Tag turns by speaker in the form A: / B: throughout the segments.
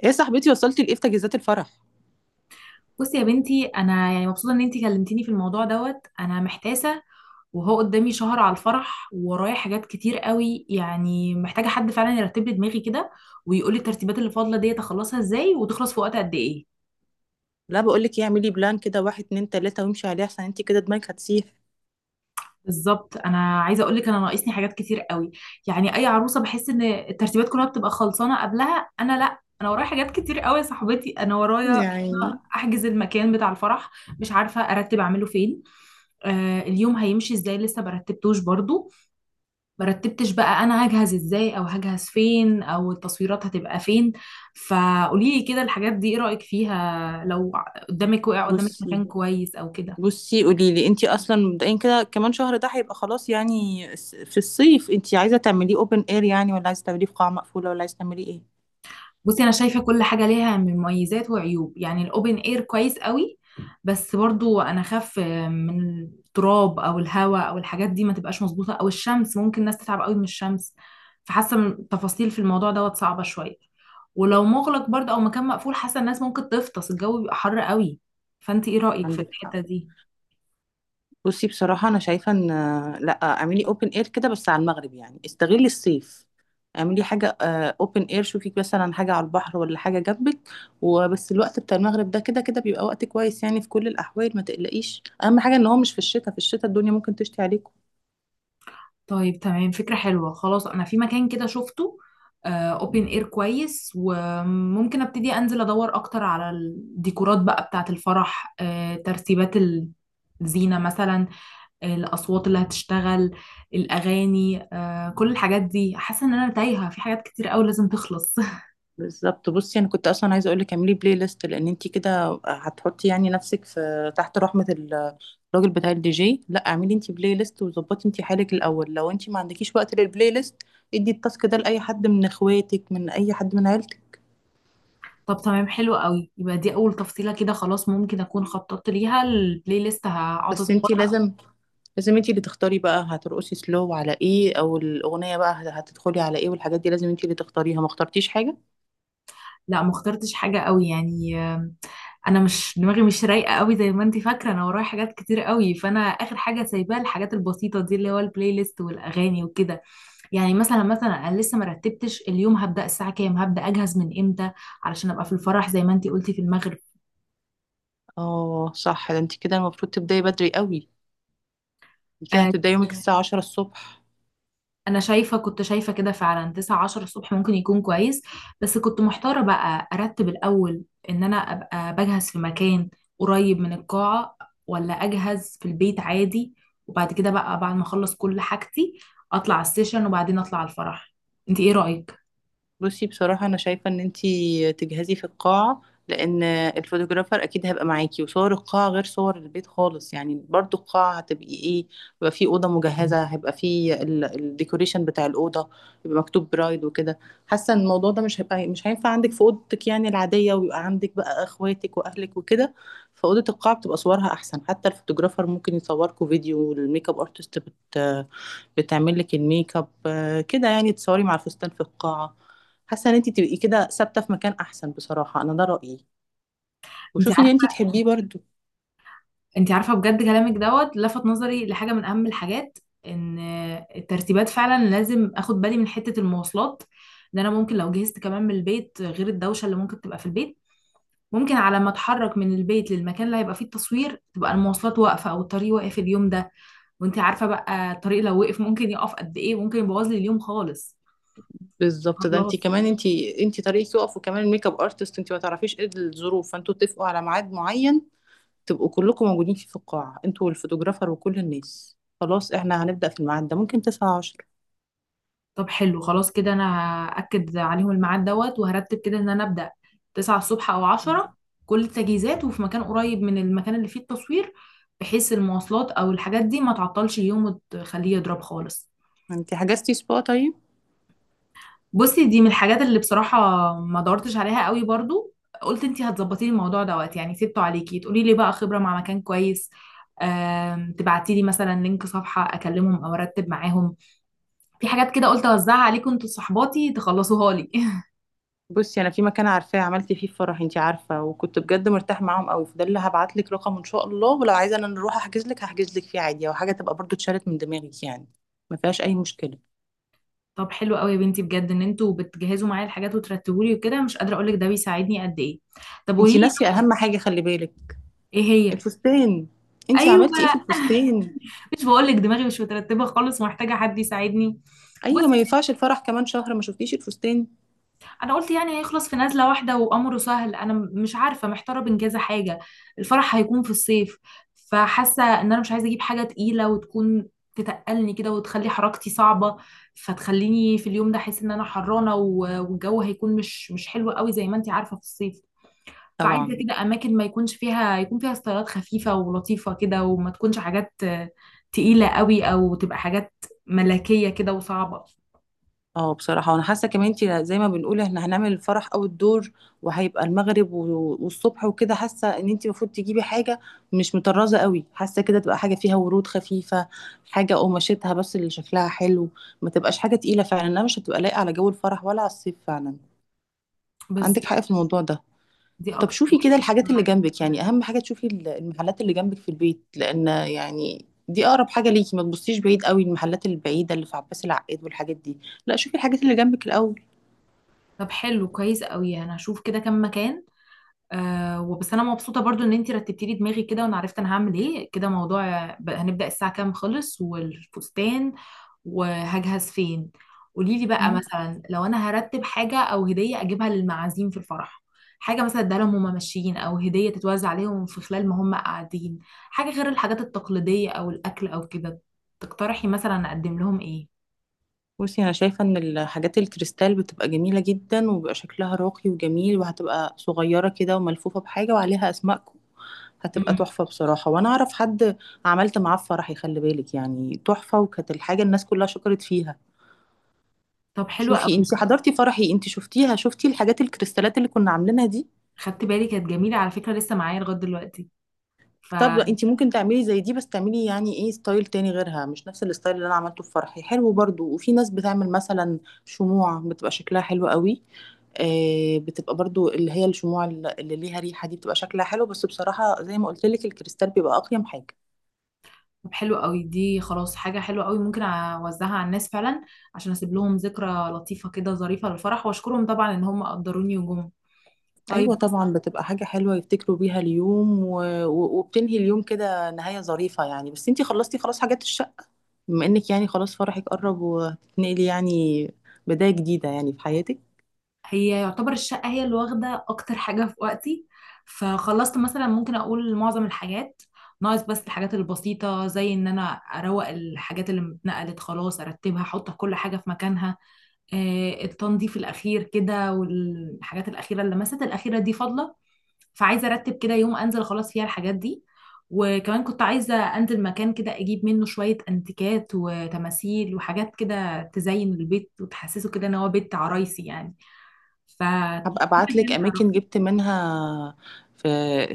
A: ايه يا صاحبتي، وصلتي لايه في تجهيزات الفرح؟
B: بصي يا بنتي، انا يعني مبسوطه ان انتي كلمتيني في الموضوع دوت. انا محتاسه وهو قدامي شهر على الفرح، وورايا حاجات كتير قوي. يعني محتاجه حد فعلا يرتب لي دماغي كده ويقول لي الترتيبات اللي فاضله ديت اخلصها ازاي وتخلص في وقت قد ايه؟
A: لا، بقول لك ايه، اعملي بلان كده واحد اتنين تلاته وامشي عليه، احسن انت كده دماغك هتسيح.
B: بالظبط، انا عايزه اقول لك انا ناقصني حاجات كتير قوي. يعني اي عروسه بحس ان الترتيبات كلها بتبقى خلصانه قبلها، انا لا، انا ورايا حاجات كتير قوي يا صاحبتي. انا ورايا إن
A: يا
B: أنا
A: عيني.
B: احجز المكان بتاع الفرح، مش عارفه ارتب اعمله فين. آه، اليوم هيمشي ازاي لسه مرتبتوش برضو. مرتبتش بقى. انا هجهز ازاي او هجهز فين او التصويرات هتبقى فين؟ فقولي لي كده الحاجات دي، ايه رايك فيها؟ لو قدامك وقع قدامك
A: بصي
B: مكان كويس او كده.
A: بصي قولي لي انت اصلا مبدئيا كده، كمان شهر ده هيبقى خلاص يعني في الصيف انت عايزه تعمليه اوبن اير يعني، ولا عايزه تعمليه في قاعه مقفوله، ولا عايزه تعمليه ايه؟
B: بصي، انا شايفه كل حاجه ليها من مميزات وعيوب. يعني الاوبن اير كويس قوي، بس برضو انا خاف من التراب او الهواء او الحاجات دي ما تبقاش مظبوطه، او الشمس ممكن الناس تتعب قوي من الشمس. فحاسه التفاصيل في الموضوع دوت صعبه شويه. ولو مغلق برضو او مكان مقفول، حاسه الناس ممكن تفطس، الجو بيبقى حر قوي. فانت ايه رايك في
A: عندك حق.
B: الحته دي؟
A: بصي، بصراحة أنا شايفة إن، لأ اعملي أوبن إير كده بس على المغرب، يعني استغلي الصيف، اعملي حاجة أوبن إير، شوفي مثلا حاجة على البحر ولا حاجة جنبك، وبس الوقت بتاع المغرب ده كده كده بيبقى وقت كويس يعني في كل الأحوال، ما تقلقيش، أهم حاجة إن هو مش في الشتاء، في الشتاء الدنيا ممكن تشتي عليكم.
B: طيب، تمام، فكرة حلوة، خلاص. أنا في مكان كده شفته، اوبن اير كويس، وممكن ابتدي انزل ادور اكتر على الديكورات بقى بتاعة الفرح. ترتيبات الزينة مثلا، الاصوات اللي هتشتغل، الاغاني. كل الحاجات دي حاسة ان انا تايهة في حاجات كتير قوي لازم تخلص.
A: بالظبط، بصي انا كنت اصلا عايزه اقول لك اعملي بلاي ليست، لان انت كده هتحطي يعني نفسك في تحت رحمه الراجل بتاع الدي جي، لا اعملي انت بلاي ليست وظبطي انت حالك الاول، لو انت ما عندكيش وقت للبلاي ليست ادي التاسك ده لاي حد من اخواتك، من اي حد من عيلتك.
B: طب، تمام، حلو قوي. يبقى دي اول تفصيلة كده، خلاص ممكن اكون خططت ليها. البلاي ليست هقعد
A: بس انت
B: اظبطها.
A: لازم انت اللي تختاري بقى هترقصي سلو على ايه، او الاغنيه بقى هتدخلي على ايه، والحاجات دي لازم انت اللي تختاريها، ما اخترتيش حاجه.
B: لا، ما اخترتش حاجة قوي يعني. انا مش دماغي مش رايقه قوي زي ما انت فاكره. انا ورايا حاجات كتير قوي، فانا اخر حاجه سايباها الحاجات البسيطه دي اللي هو البلاي ليست والاغاني وكده. يعني مثلا انا لسه ما رتبتش اليوم. هبدا الساعه كام؟ هبدا اجهز من امتى علشان ابقى في الفرح زي ما انت قلتي في المغرب؟
A: اه صح، ده انت كده المفروض تبداي بدري قوي، انت كده
B: آه،
A: هتبداي يومك الساعه 10 الصبح.
B: انا شايفه كنت شايفه كده فعلا 9 10 الصبح ممكن يكون كويس. بس كنت محتاره بقى ارتب الاول: ان انا ابقى بجهز في مكان قريب من القاعه، ولا اجهز في البيت عادي، وبعد كده بقى بعد ما اخلص كل حاجتي اطلع السيشن وبعدين اطلع على الفرح. انت ايه رايك؟
A: بصي، بصراحة أنا شايفة إن أنتي تجهزي في القاعة، لأن الفوتوغرافر أكيد هيبقى معاكي، وصور القاعة غير صور البيت خالص يعني، برضو القاعة هتبقي إيه، يبقى في أوضة مجهزة، هيبقى في الديكوريشن بتاع الأوضة، يبقى مكتوب برايد وكده. حاسة إن الموضوع ده مش هيبقى، مش هينفع عندك في أوضتك يعني العادية ويبقى عندك بقى إخواتك وأهلك وكده، فأوضة القاعة بتبقى صورها أحسن، حتى الفوتوغرافر ممكن يصوركوا فيديو، والميك اب أرتست بتعمل لك الميك اب آه، كده، يعني تصوري مع الفستان في القاعة. حاسه ان انت تبقي كده ثابته في مكان احسن، بصراحه انا ده رايي،
B: انت
A: وشوفي ان انت
B: عارفه،
A: تحبيه برضو.
B: انت عارفه بجد كلامك دوت لفت نظري لحاجه من اهم الحاجات. ان الترتيبات فعلا لازم اخد بالي من حته المواصلات. ان انا ممكن لو جهزت كمان من البيت، غير الدوشه اللي ممكن تبقى في البيت، ممكن على ما اتحرك من البيت للمكان اللي هيبقى فيه التصوير تبقى المواصلات واقفة او الطريق واقف اليوم ده. وانت عارفة بقى الطريق لو وقف ممكن يقف قد ايه. ممكن يبوظ لي اليوم خالص.
A: بالظبط، ده انت
B: خلاص.
A: كمان انت طريقك يقف، وكمان الميك اب ارتست انت ما تعرفيش ايه الظروف، فانتوا اتفقوا على ميعاد معين تبقوا كلكم موجودين فيه في القاعه انتوا والفوتوغرافر وكل الناس، خلاص احنا هنبدا في الميعاد ده، ممكن 9 10.
B: طب، حلو، خلاص كده. انا هأكد عليهم الميعاد دوت، وهرتب كده ان انا ابدأ 9 الصبح او 10، كل التجهيزات وفي مكان قريب من المكان اللي فيه التصوير، بحيث المواصلات او الحاجات دي ما تعطلش اليوم وتخليه يضرب خالص.
A: انت حجزتي سبا طيب؟
B: بصي، دي من الحاجات اللي بصراحة ما دورتش عليها قوي برضو. قلت انتي هتظبطي لي الموضوع دوت، يعني سبته عليكي تقولي لي بقى خبرة مع مكان كويس، تبعتي لي مثلا لينك صفحة اكلمهم او ارتب معاهم. في حاجات كده قلت اوزعها عليكم انتوا صحباتي تخلصوها لي.
A: بصي انا في مكان عارفاه، عملت فيه فرح انتي عارفه، وكنت بجد مرتاح معاهم قوي، فده اللي هبعت لك رقم ان شاء الله، ولو عايزه انا نروح احجز لك هحجز لك فيه عادي، او حاجه تبقى برضو اتشالت من دماغك يعني، ما فيهاش اي مشكله.
B: طب، حلو قوي يا بنتي، بجد ان انتوا بتجهزوا معايا الحاجات وترتبوا لي وكده، مش قادرة اقول لك ده بيساعدني قد ايه. طب قولي
A: انتي
B: لي.
A: ناسيه اهم حاجه، خلي بالك.
B: ايه هي؟
A: الفستان، انتي
B: ايوه.
A: عملتي ايه في الفستان؟
B: مش بقول لك دماغي مش مترتبة خالص ومحتاجة حد يساعدني.
A: ايوه،
B: بصي،
A: ما ينفعش الفرح كمان شهر ما شفتيش الفستان.
B: انا قلت يعني هيخلص في نزله واحده وامره سهل. انا مش عارفه، محتاره بين كذا حاجه. الفرح هيكون في الصيف، فحاسه ان انا مش عايزه اجيب حاجه تقيله وتكون تتقلني كده وتخلي حركتي صعبه، فتخليني في اليوم ده احس ان انا حرانه، والجو هيكون مش حلو قوي زي ما انت عارفه في الصيف. فعايزه
A: طبعا.
B: كده اماكن ما يكونش فيها، يكون فيها ستايلات خفيفه ولطيفه كده، وما تكونش حاجات تقيله قوي، او تبقى حاجات ملكيه كده وصعبه.
A: اه بصراحة، وانا حاسة كمان انت زي ما بنقول احنا هنعمل الفرح او الدور، وهيبقى المغرب والصبح وكده، حاسة ان انت المفروض تجيبي حاجة مش مطرزة قوي، حاسة كده تبقى حاجة فيها ورود خفيفة، حاجة قماشتها بس اللي شكلها حلو، ما تبقاش حاجة تقيلة فعلا، انها مش هتبقى لايقة على جو الفرح ولا على الصيف فعلا. عندك
B: بالظبط.
A: حق في الموضوع ده.
B: دي
A: طب
B: اكتر
A: شوفي كده
B: حاجه.
A: الحاجات اللي جنبك، يعني اهم حاجة تشوفي المحلات اللي جنبك في البيت، لان يعني دي اقرب حاجة ليكي، ما تبصيش بعيد قوي المحلات البعيدة اللي في عباس العقاد والحاجات دي. لا شوفي الحاجات اللي جنبك الاول.
B: طب حلو، كويس قوي، انا هشوف كده كام مكان. آه، وبس انا مبسوطه برضو ان انتي رتبتي لي دماغي كده، وانا عرفت انا هعمل ايه كده. موضوع هنبدا الساعه كام، خلص، والفستان، وهجهز فين. قولي لي بقى
A: مم.
B: مثلا لو انا هرتب حاجه او هديه اجيبها للمعازيم في الفرح. حاجه مثلا اديها لهم وهم ماشيين، او هديه تتوزع عليهم في خلال ما هم قاعدين، حاجه غير الحاجات التقليديه او الاكل او كده. تقترحي مثلا اقدم لهم ايه؟
A: بصي انا شايفه ان الحاجات الكريستال بتبقى جميله جدا، وبيبقى شكلها راقي وجميل، وهتبقى صغيره كده وملفوفه بحاجه وعليها اسمائكم، هتبقى
B: امم.
A: تحفه بصراحه، وانا اعرف حد عملت معاه فرحي، خلي بالك يعني تحفه، وكانت الحاجه الناس كلها شكرت فيها.
B: طب حلو
A: شوفي
B: قوي.
A: انت حضرتي فرحي، انت شفتيها، شفتي الحاجات الكريستالات اللي كنا عاملينها دي.
B: خدت بالي، كانت جميلة على فكرة، لسه معايا لغاية دلوقتي. ف
A: طب انت ممكن تعملي زي دي، بس تعملي يعني ايه ستايل تاني غيرها، مش نفس الستايل اللي انا عملته في فرحي. حلو برضو، وفي ناس بتعمل مثلا شموع بتبقى شكلها حلو قوي، آه بتبقى برضو اللي هي الشموع اللي ليها ريحة دي بتبقى شكلها حلو، بس بصراحة زي ما قلت لك الكريستال بيبقى اقيم حاجة.
B: طب حلو قوي. دي خلاص حاجة حلوة قوي، ممكن اوزعها على الناس فعلا عشان اسيب لهم ذكرى لطيفة كده، ظريفة للفرح، واشكرهم طبعا ان هم قدروني وجم.
A: ايوه
B: طيب مثلا.
A: طبعا، بتبقى حاجة حلوة يفتكروا بيها اليوم، وبتنهي اليوم كده نهاية ظريفة يعني. بس انت خلصتي خلاص حاجات الشقة؟ بما انك يعني خلاص فرحك قرب وهتتنقلي يعني، بداية جديدة يعني في حياتك.
B: هي يعتبر الشقة هي اللي واخدة اكتر حاجة في وقتي، فخلصت مثلا ممكن اقول معظم الحاجات. ناقص بس الحاجات البسيطة، زي ان انا اروق الحاجات اللي اتنقلت خلاص، ارتبها، احط كل حاجة في مكانها. التنظيف الأخير كده والحاجات الأخيرة، اللمسات الأخيرة دي فاضلة. فعايزة أرتب كده يوم أنزل خلاص فيها الحاجات دي. وكمان كنت عايزة أنزل مكان كده أجيب منه شوية أنتيكات وتماثيل وحاجات كده تزين البيت وتحسسه كده إن هو بيت عرايسي يعني. ف
A: هبقى ابعت لك اماكن جبت منها في،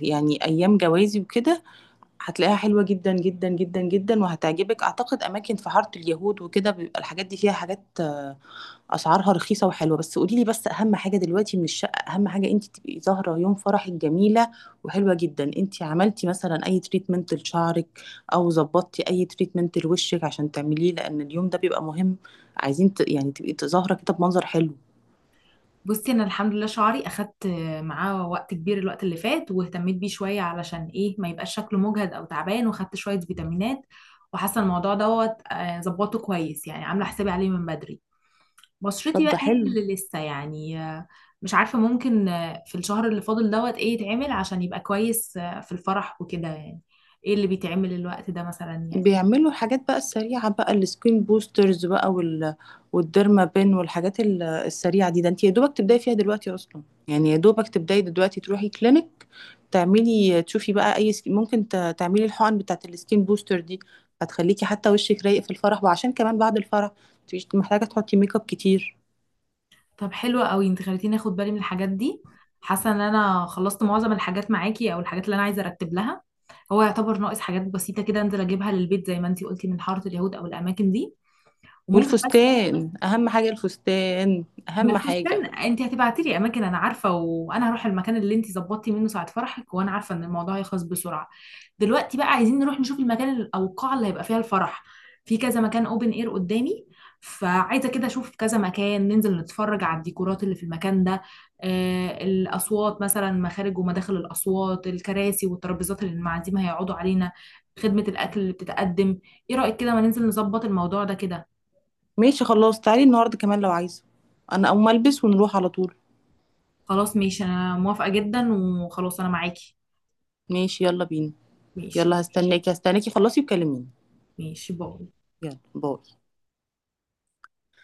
A: يعني ايام جوازي وكده، هتلاقيها حلوه جدا جدا جدا جدا، وهتعجبك اعتقد، اماكن في حاره اليهود وكده، بيبقى الحاجات دي فيها حاجات اسعارها رخيصه وحلوه. بس قولي لي، بس اهم حاجه دلوقتي من الشقه، اهم حاجه انت تبقي ظاهره يوم فرحك جميله وحلوه جدا. انت عملتي مثلا اي تريتمنت لشعرك، او ظبطتي اي تريتمنت لوشك عشان تعمليه، لان اليوم ده بيبقى مهم، عايزين يعني تبقي ظاهره كده بمنظر حلو.
B: بصي، انا الحمد لله شعري اخدت معاه وقت كبير الوقت اللي فات، واهتميت بيه شويه علشان ايه ما يبقاش شكله مجهد او تعبان، واخدت شويه فيتامينات. وحاسه الموضوع دوت ظبطه كويس، يعني عامله حسابي عليه من بدري. بشرتي
A: طب
B: بقى
A: ده
B: هي
A: حلو.
B: اللي لسه يعني، مش عارفه ممكن في الشهر اللي فاضل دوت ايه يتعمل عشان يبقى كويس في الفرح وكده يعني. ايه اللي بيتعمل الوقت ده مثلا يعني؟
A: بيعملوا الحاجات بقى السريعة بقى، السكين بوسترز بقى والديرما بين والحاجات السريعة دي، ده انت يا دوبك تبداي فيها دلوقتي اصلا، يعني يا دوبك تبداي دلوقتي تروحي كلينك تعملي، تشوفي بقى اي ممكن تعملي الحقن بتاعت السكين بوستر دي، هتخليكي حتى وشك رايق في الفرح، وعشان كمان بعد الفرح مش محتاجة تحطي ميك اب كتير.
B: طب حلوة قوي، انت خليتيني اخد بالي من الحاجات دي. حاسة ان انا خلصت معظم الحاجات معاكي، او الحاجات اللي انا عايزة ارتب لها. هو يعتبر ناقص حاجات بسيطة كده، انزل اجيبها للبيت زي ما انت قلتي من حارة اليهود او الاماكن دي. وممكن بس.
A: والفستان اهم حاجة، الفستان
B: ما
A: اهم
B: الفستان،
A: حاجة.
B: انت هتبعتي لي اماكن انا عارفه، وانا هروح المكان اللي انت ظبطتي منه ساعه فرحك، وانا عارفه ان الموضوع هيخلص بسرعه. دلوقتي بقى عايزين نروح نشوف المكان او القاعه اللي هيبقى فيها الفرح. في كذا مكان اوبن اير قدامي، فعايزه كده اشوف كذا مكان، ننزل نتفرج على الديكورات اللي في المكان ده. آه، الاصوات مثلا، مخارج ومداخل الاصوات، الكراسي والترابيزات اللي المعازيم هيقعدوا علينا، خدمه الاكل اللي بتتقدم. ايه رايك كده ما ننزل نظبط الموضوع ده كده؟
A: ماشي خلاص، تعالي النهاردة كمان لو عايزة، انا اقوم البس ونروح على طول.
B: خلاص ماشي، انا موافقه جدا، وخلاص انا معاكي.
A: ماشي، يلا بينا.
B: ماشي.
A: يلا هستناكي هستناكي، خلصي وكلميني.
B: ماشي، باي.
A: يلا باي.